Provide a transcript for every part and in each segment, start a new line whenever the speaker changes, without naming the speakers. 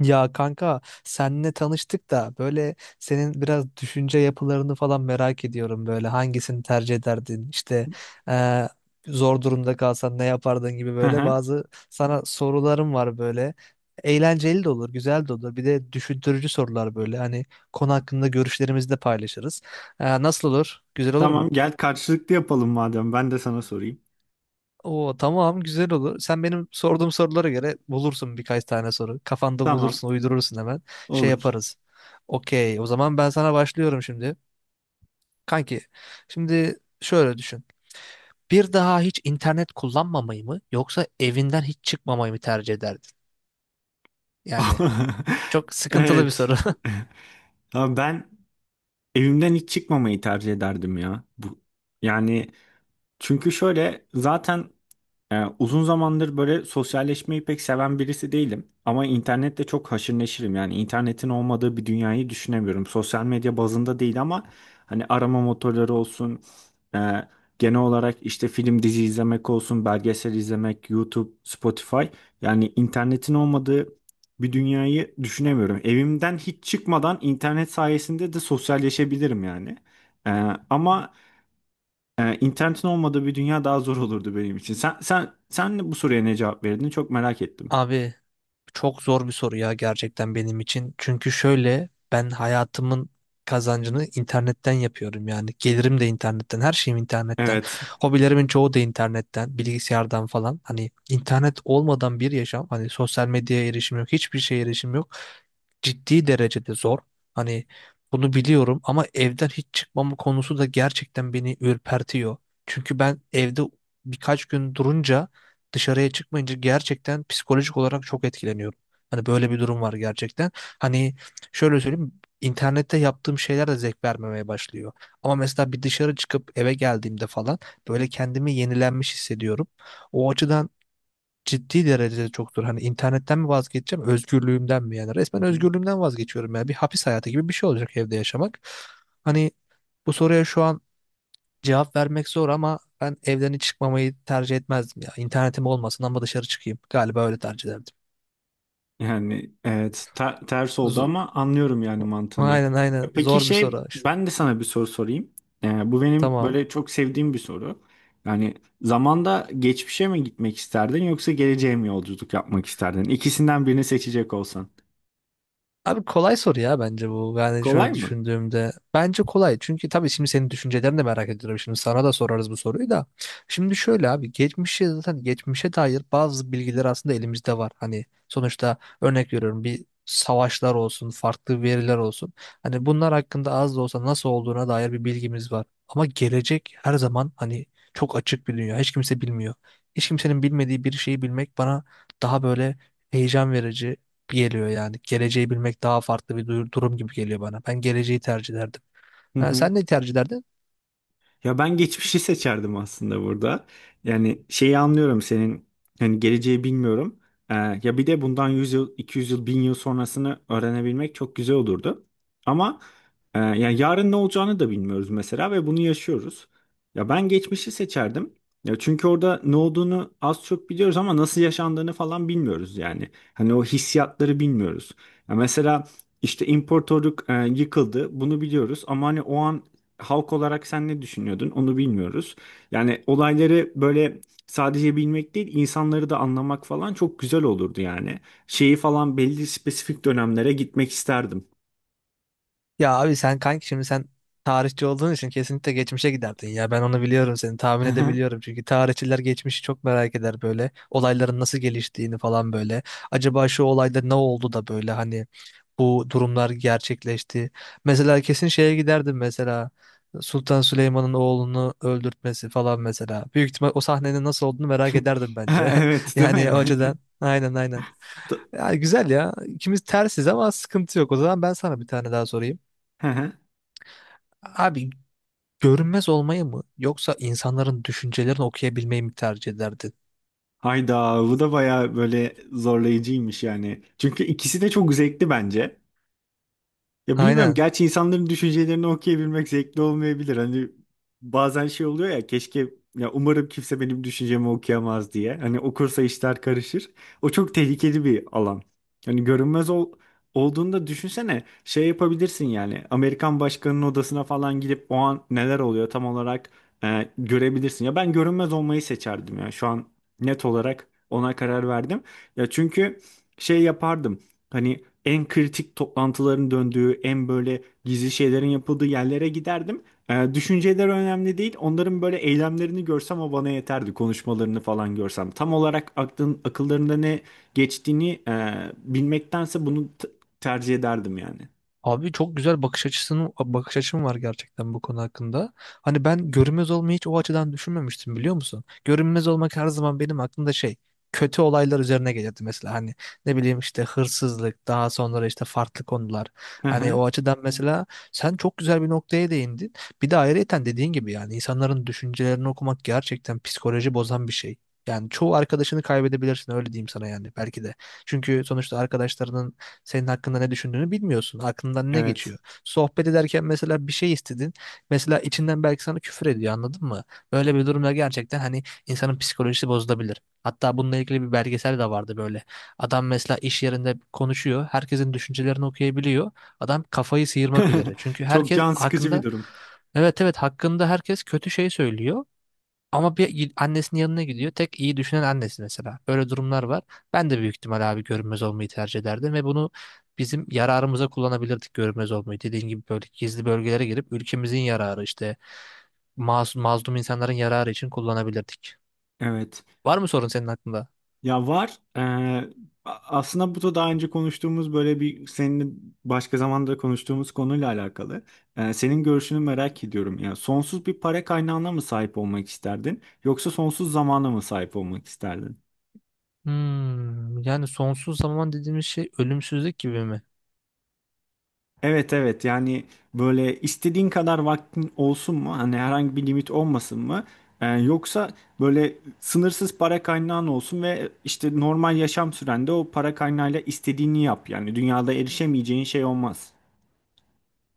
Ya kanka senle tanıştık da böyle senin biraz düşünce yapılarını falan merak ediyorum, böyle hangisini tercih ederdin işte, eee, zor durumda kalsan ne yapardın gibi.
Hı
Böyle
hı.
bazı sana sorularım var böyle. Eğlenceli de olur, güzel de olur, bir de düşündürücü sorular, böyle hani konu hakkında görüşlerimizi de paylaşırız. Nasıl olur, güzel olur
Tamam,
mu?
gel karşılıklı yapalım madem. Ben de sana sorayım.
Oo tamam, güzel olur. Sen benim sorduğum sorulara göre bulursun birkaç tane soru. Kafanda
Tamam,
bulursun, uydurursun hemen. Şey
olur.
yaparız. Okey. O zaman ben sana başlıyorum şimdi. Kanki, şimdi şöyle düşün. Bir daha hiç internet kullanmamayı mı yoksa evinden hiç çıkmamayı mı tercih ederdin? Yani çok sıkıntılı bir
Evet.
soru.
Ya ben evimden hiç çıkmamayı tercih ederdim ya. Bu, yani, çünkü şöyle zaten uzun zamandır böyle sosyalleşmeyi pek seven birisi değilim. Ama internette çok haşır neşirim. Yani internetin olmadığı bir dünyayı düşünemiyorum. Sosyal medya bazında değil ama hani arama motorları olsun, e, genel olarak işte film dizi izlemek olsun, belgesel izlemek, YouTube, Spotify. Yani internetin olmadığı bir dünyayı düşünemiyorum. Evimden hiç çıkmadan internet sayesinde de sosyalleşebilirim yani. Ee, ama internetin olmadığı bir dünya daha zor olurdu benim için. Sen bu soruya ne cevap verdin? Çok merak ettim.
Abi, çok zor bir soru ya gerçekten benim için. Çünkü şöyle, ben hayatımın kazancını internetten yapıyorum yani. Gelirim de internetten, her şeyim internetten.
Evet.
Hobilerimin çoğu da internetten, bilgisayardan falan. Hani internet olmadan bir yaşam, hani sosyal medyaya erişim yok, hiçbir şeye erişim yok, ciddi derecede zor. Hani bunu biliyorum ama evden hiç çıkmam konusu da gerçekten beni ürpertiyor. Çünkü ben evde birkaç gün durunca, dışarıya çıkmayınca gerçekten psikolojik olarak çok etkileniyorum. Hani böyle bir durum var gerçekten. Hani şöyle söyleyeyim, internette yaptığım şeyler de zevk vermemeye başlıyor. Ama mesela bir dışarı çıkıp eve geldiğimde falan böyle kendimi yenilenmiş hissediyorum. O açıdan ciddi derecede çoktur. Hani internetten mi vazgeçeceğim, özgürlüğümden mi? Yani
Hı
resmen
hı.
özgürlüğümden vazgeçiyorum. Ya bir hapis hayatı gibi bir şey olacak evde yaşamak. Hani bu soruya şu an cevap vermek zor ama ben evden hiç çıkmamayı tercih etmezdim ya. İnternetim olmasın ama dışarı çıkayım. Galiba öyle tercih ederdim.
Yani evet, ters oldu
Z-
ama anlıyorum yani mantığını.
aynen aynen,
E, peki,
zor bir
şey,
soru işte.
ben de sana bir soru sorayım. Bu benim
Tamam.
böyle çok sevdiğim bir soru. Yani zamanda geçmişe mi gitmek isterdin yoksa geleceğe mi yolculuk yapmak isterdin? İkisinden birini seçecek olsan.
Abi kolay soru ya bence bu. Yani
Kolay
şöyle
mı?
düşündüğümde, bence kolay. Çünkü tabii şimdi senin düşüncelerini de merak ediyorum. Şimdi sana da sorarız bu soruyu da. Şimdi şöyle abi. Geçmişe zaten, geçmişe dair bazı bilgiler aslında elimizde var. Hani sonuçta, örnek veriyorum, bir savaşlar olsun, farklı veriler olsun. Hani bunlar hakkında az da olsa nasıl olduğuna dair bir bilgimiz var. Ama gelecek her zaman hani çok açık bir dünya. Hiç kimse bilmiyor. Hiç kimsenin bilmediği bir şeyi bilmek bana daha böyle heyecan verici geliyor yani. Geleceği bilmek daha farklı bir durum gibi geliyor bana. Ben geleceği tercih ederdim. Ha, sen ne tercih ederdin?
Ya ben geçmişi seçerdim aslında burada. Yani şeyi anlıyorum, senin hani geleceği bilmiyorum. Ee, Ya bir de bundan 100 yıl, 200 yıl, 1000 yıl sonrasını öğrenebilmek çok güzel olurdu. Ama ya yarın ne olacağını da bilmiyoruz mesela ve bunu yaşıyoruz. Ya ben geçmişi seçerdim. Ya çünkü orada ne olduğunu az çok biliyoruz ama nasıl yaşandığını falan bilmiyoruz yani. Hani o hissiyatları bilmiyoruz. Ya mesela işte imparatorluk yıkıldı. Bunu biliyoruz ama hani o an halk olarak sen ne düşünüyordun onu bilmiyoruz. Yani olayları böyle sadece bilmek değil insanları da anlamak falan çok güzel olurdu yani. Şeyi falan belli spesifik dönemlere gitmek isterdim.
Ya abi sen kanki, şimdi sen tarihçi olduğun için kesinlikle geçmişe giderdin ya. Ben onu biliyorum, seni tahmin edebiliyorum. Çünkü tarihçiler geçmişi çok merak eder böyle. Olayların nasıl geliştiğini falan böyle. Acaba şu olayda ne oldu da böyle hani bu durumlar gerçekleşti. Mesela kesin şeye giderdim mesela. Sultan Süleyman'ın oğlunu öldürtmesi falan mesela. Büyük ihtimal o sahnenin nasıl olduğunu merak ederdim bence.
Evet değil
Yani o
mi?
açıdan. Aynen aynen.
T-
Ya güzel ya. İkimiz tersiz ama sıkıntı yok. O zaman ben sana bir tane daha sorayım. Abi görünmez olmayı mı yoksa insanların düşüncelerini okuyabilmeyi mi tercih ederdin?
Hayda, bu da bayağı böyle zorlayıcıymış yani. Çünkü ikisi de çok zevkli bence. Ya bilmiyorum,
Aynen.
gerçi insanların düşüncelerini okuyabilmek zevkli olmayabilir. Hani bazen şey oluyor ya, keşke ya, umarım kimse benim düşüncemi okuyamaz diye. Hani okursa işler karışır. O çok tehlikeli bir alan. Hani olduğunda düşünsene şey yapabilirsin yani Amerikan başkanının odasına falan gidip o an neler oluyor tam olarak görebilirsin. Ya ben görünmez olmayı seçerdim ya, şu an net olarak ona karar verdim. Ya çünkü şey yapardım. Hani en kritik toplantıların döndüğü, en böyle gizli şeylerin yapıldığı yerlere giderdim. Düşünceleri önemli değil. Onların böyle eylemlerini görsem o bana yeterdi. Konuşmalarını falan görsem. Tam olarak akıllarında ne geçtiğini bilmektense bunu tercih ederdim yani.
Abi çok güzel bakış açısının, bakış açım var gerçekten bu konu hakkında. Hani ben görünmez olmayı hiç o açıdan düşünmemiştim, biliyor musun? Görünmez olmak her zaman benim aklımda şey, kötü olaylar üzerine gelirdi mesela, hani ne bileyim işte hırsızlık, daha sonra işte farklı konular.
Hı
Hani
hı.
o açıdan mesela, sen çok güzel bir noktaya değindin. Bir de ayrıyeten dediğin gibi yani insanların düşüncelerini okumak gerçekten psikoloji bozan bir şey. Yani çoğu arkadaşını kaybedebilirsin, öyle diyeyim sana yani, belki de. Çünkü sonuçta arkadaşlarının senin hakkında ne düşündüğünü bilmiyorsun. Aklından ne
Evet.
geçiyor? Sohbet ederken mesela bir şey istedin. Mesela içinden belki sana küfür ediyor, anladın mı? Böyle bir durumda gerçekten hani insanın psikolojisi bozulabilir. Hatta bununla ilgili bir belgesel de vardı böyle. Adam mesela iş yerinde konuşuyor. Herkesin düşüncelerini okuyabiliyor. Adam kafayı sıyırmak üzere. Çünkü
Çok
herkes
can sıkıcı bir
hakkında.
durum.
Evet evet, hakkında herkes kötü şey söylüyor. Ama bir annesinin yanına gidiyor. Tek iyi düşünen annesi mesela. Böyle durumlar var. Ben de büyük ihtimal abi görünmez olmayı tercih ederdim ve bunu bizim yararımıza kullanabilirdik, görünmez olmayı. Dediğin gibi böyle gizli bölgelere girip ülkemizin yararı, işte masum, mazlum insanların yararı için kullanabilirdik.
Evet.
Var mı sorun senin aklında?
Ya var. Aslında bu da daha önce konuştuğumuz böyle bir seninle başka zamanda konuştuğumuz konuyla alakalı. Senin görüşünü merak ediyorum. Yani sonsuz bir para kaynağına mı sahip olmak isterdin yoksa sonsuz zamana mı sahip olmak isterdin?
Hmm, yani sonsuz zaman dediğimiz şey ölümsüzlük gibi mi?
Evet, evet, yani böyle istediğin kadar vaktin olsun mu? Hani herhangi bir limit olmasın mı? Yoksa böyle sınırsız para kaynağın olsun ve işte normal yaşam sürende o para kaynağıyla istediğini yap. Yani dünyada erişemeyeceğin şey olmaz.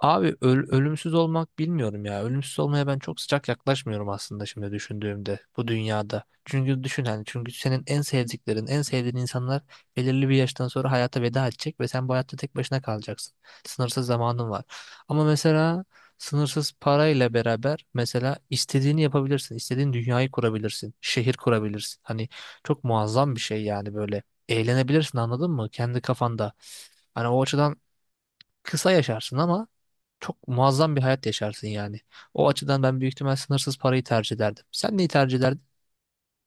Abi ölümsüz olmak bilmiyorum ya. Ölümsüz olmaya ben çok sıcak yaklaşmıyorum aslında, şimdi düşündüğümde, bu dünyada. Çünkü düşün hani, çünkü senin en sevdiklerin, en sevdiğin insanlar belirli bir yaştan sonra hayata veda edecek ve sen bu hayatta tek başına kalacaksın. Sınırsız zamanın var. Ama mesela sınırsız parayla beraber mesela istediğini yapabilirsin. İstediğin dünyayı kurabilirsin. Şehir kurabilirsin. Hani çok muazzam bir şey yani böyle. Eğlenebilirsin, anladın mı? Kendi kafanda. Hani o açıdan kısa yaşarsın ama çok muazzam bir hayat yaşarsın yani. O açıdan ben büyük ihtimal sınırsız parayı tercih ederdim. Sen neyi tercih ederdin?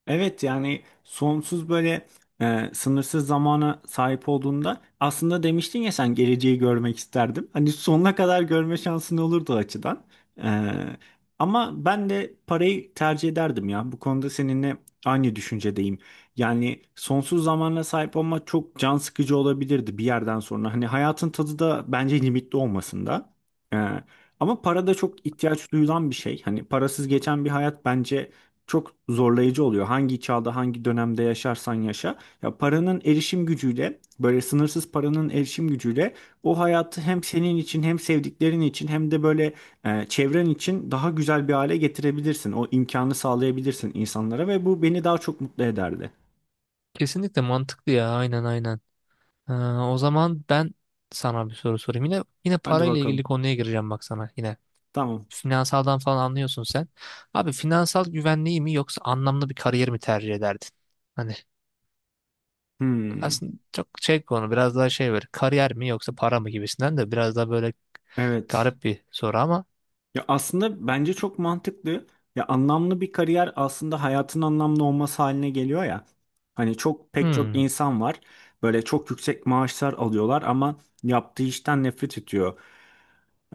Evet, yani sonsuz böyle sınırsız zamana sahip olduğunda aslında demiştin ya sen, geleceği görmek isterdim. Hani sonuna kadar görme şansın olurdu o açıdan. E, Ama ben de parayı tercih ederdim ya. Bu konuda seninle aynı düşüncedeyim. Yani sonsuz zamana sahip olmak çok can sıkıcı olabilirdi bir yerden sonra. Hani hayatın tadı da bence limitli olmasında. E, Ama para da çok ihtiyaç duyulan bir şey. Hani parasız geçen bir hayat bence çok zorlayıcı oluyor. Hangi çağda, hangi dönemde yaşarsan yaşa. Ya paranın erişim gücüyle, böyle sınırsız paranın erişim gücüyle o hayatı hem senin için hem sevdiklerin için hem de böyle çevren için daha güzel bir hale getirebilirsin. O imkanı sağlayabilirsin insanlara ve bu beni daha çok mutlu ederdi.
Kesinlikle mantıklı ya. Aynen aynen. Ha, o zaman ben sana bir soru sorayım. Yine
Hadi
parayla ilgili
bakalım.
konuya gireceğim bak sana, yine.
Tamam.
Finansaldan falan anlıyorsun sen. Abi finansal güvenliği mi yoksa anlamlı bir kariyer mi tercih ederdin? Hani
Hmm,
aslında çok şey, konu biraz daha şey, böyle kariyer mi yoksa para mı gibisinden, de biraz daha böyle
evet.
garip bir soru ama.
Ya aslında bence çok mantıklı. Ya anlamlı bir kariyer aslında hayatın anlamlı olması haline geliyor ya. Hani çok pek çok
Hmm,
insan var. Böyle çok yüksek maaşlar alıyorlar ama yaptığı işten nefret ediyor.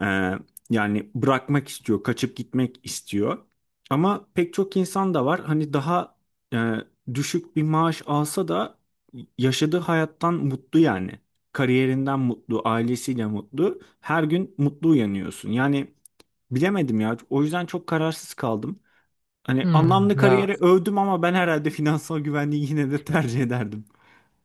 Ee, Yani bırakmak istiyor, kaçıp gitmek istiyor. Ama pek çok insan da var. Hani daha e, düşük bir maaş alsa da yaşadığı hayattan mutlu yani. Kariyerinden mutlu, ailesiyle mutlu. Her gün mutlu uyanıyorsun. Yani bilemedim ya. O yüzden çok kararsız kaldım. Hani
hmm,
anlamlı
ya.
kariyeri övdüm ama ben herhalde finansal güvenliği yine de tercih ederdim.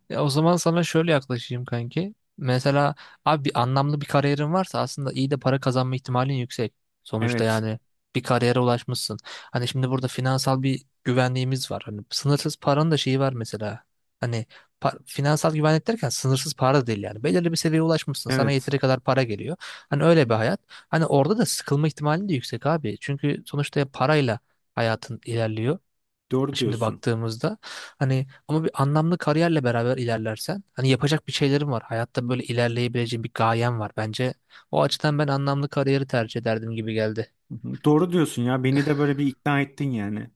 Ya o zaman sana şöyle yaklaşayım kanki. Mesela abi, bir anlamlı bir kariyerin varsa aslında iyi de para kazanma ihtimalin yüksek. Sonuçta
Evet.
yani bir kariyere ulaşmışsın. Hani şimdi burada finansal bir güvenliğimiz var. Hani sınırsız paranın da şeyi var mesela. Hani finansal güvenlik derken sınırsız para da değil yani. Belirli bir seviyeye ulaşmışsın. Sana
Evet.
yeteri kadar para geliyor. Hani öyle bir hayat. Hani orada da sıkılma ihtimalin de yüksek abi. Çünkü sonuçta parayla hayatın ilerliyor.
Doğru
Şimdi
diyorsun.
baktığımızda hani, ama bir anlamlı kariyerle beraber ilerlersen, hani yapacak bir şeylerim var, hayatta böyle ilerleyebileceğim bir gayem var. Bence o açıdan ben anlamlı kariyeri tercih ederdim gibi geldi.
Hı hı. Doğru diyorsun ya. Beni de böyle bir ikna ettin yani.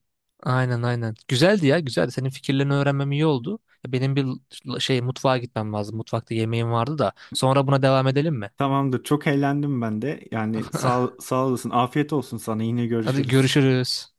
Aynen aynen. Güzeldi ya, güzeldi. Senin fikirlerini öğrenmem iyi oldu. Benim bir şey, mutfağa gitmem lazım. Mutfakta yemeğim vardı da. Sonra buna devam edelim mi?
Tamamdır. Çok eğlendim ben de. Yani sağ olasın. Afiyet olsun sana. Yine
Hadi
görüşürüz.
görüşürüz.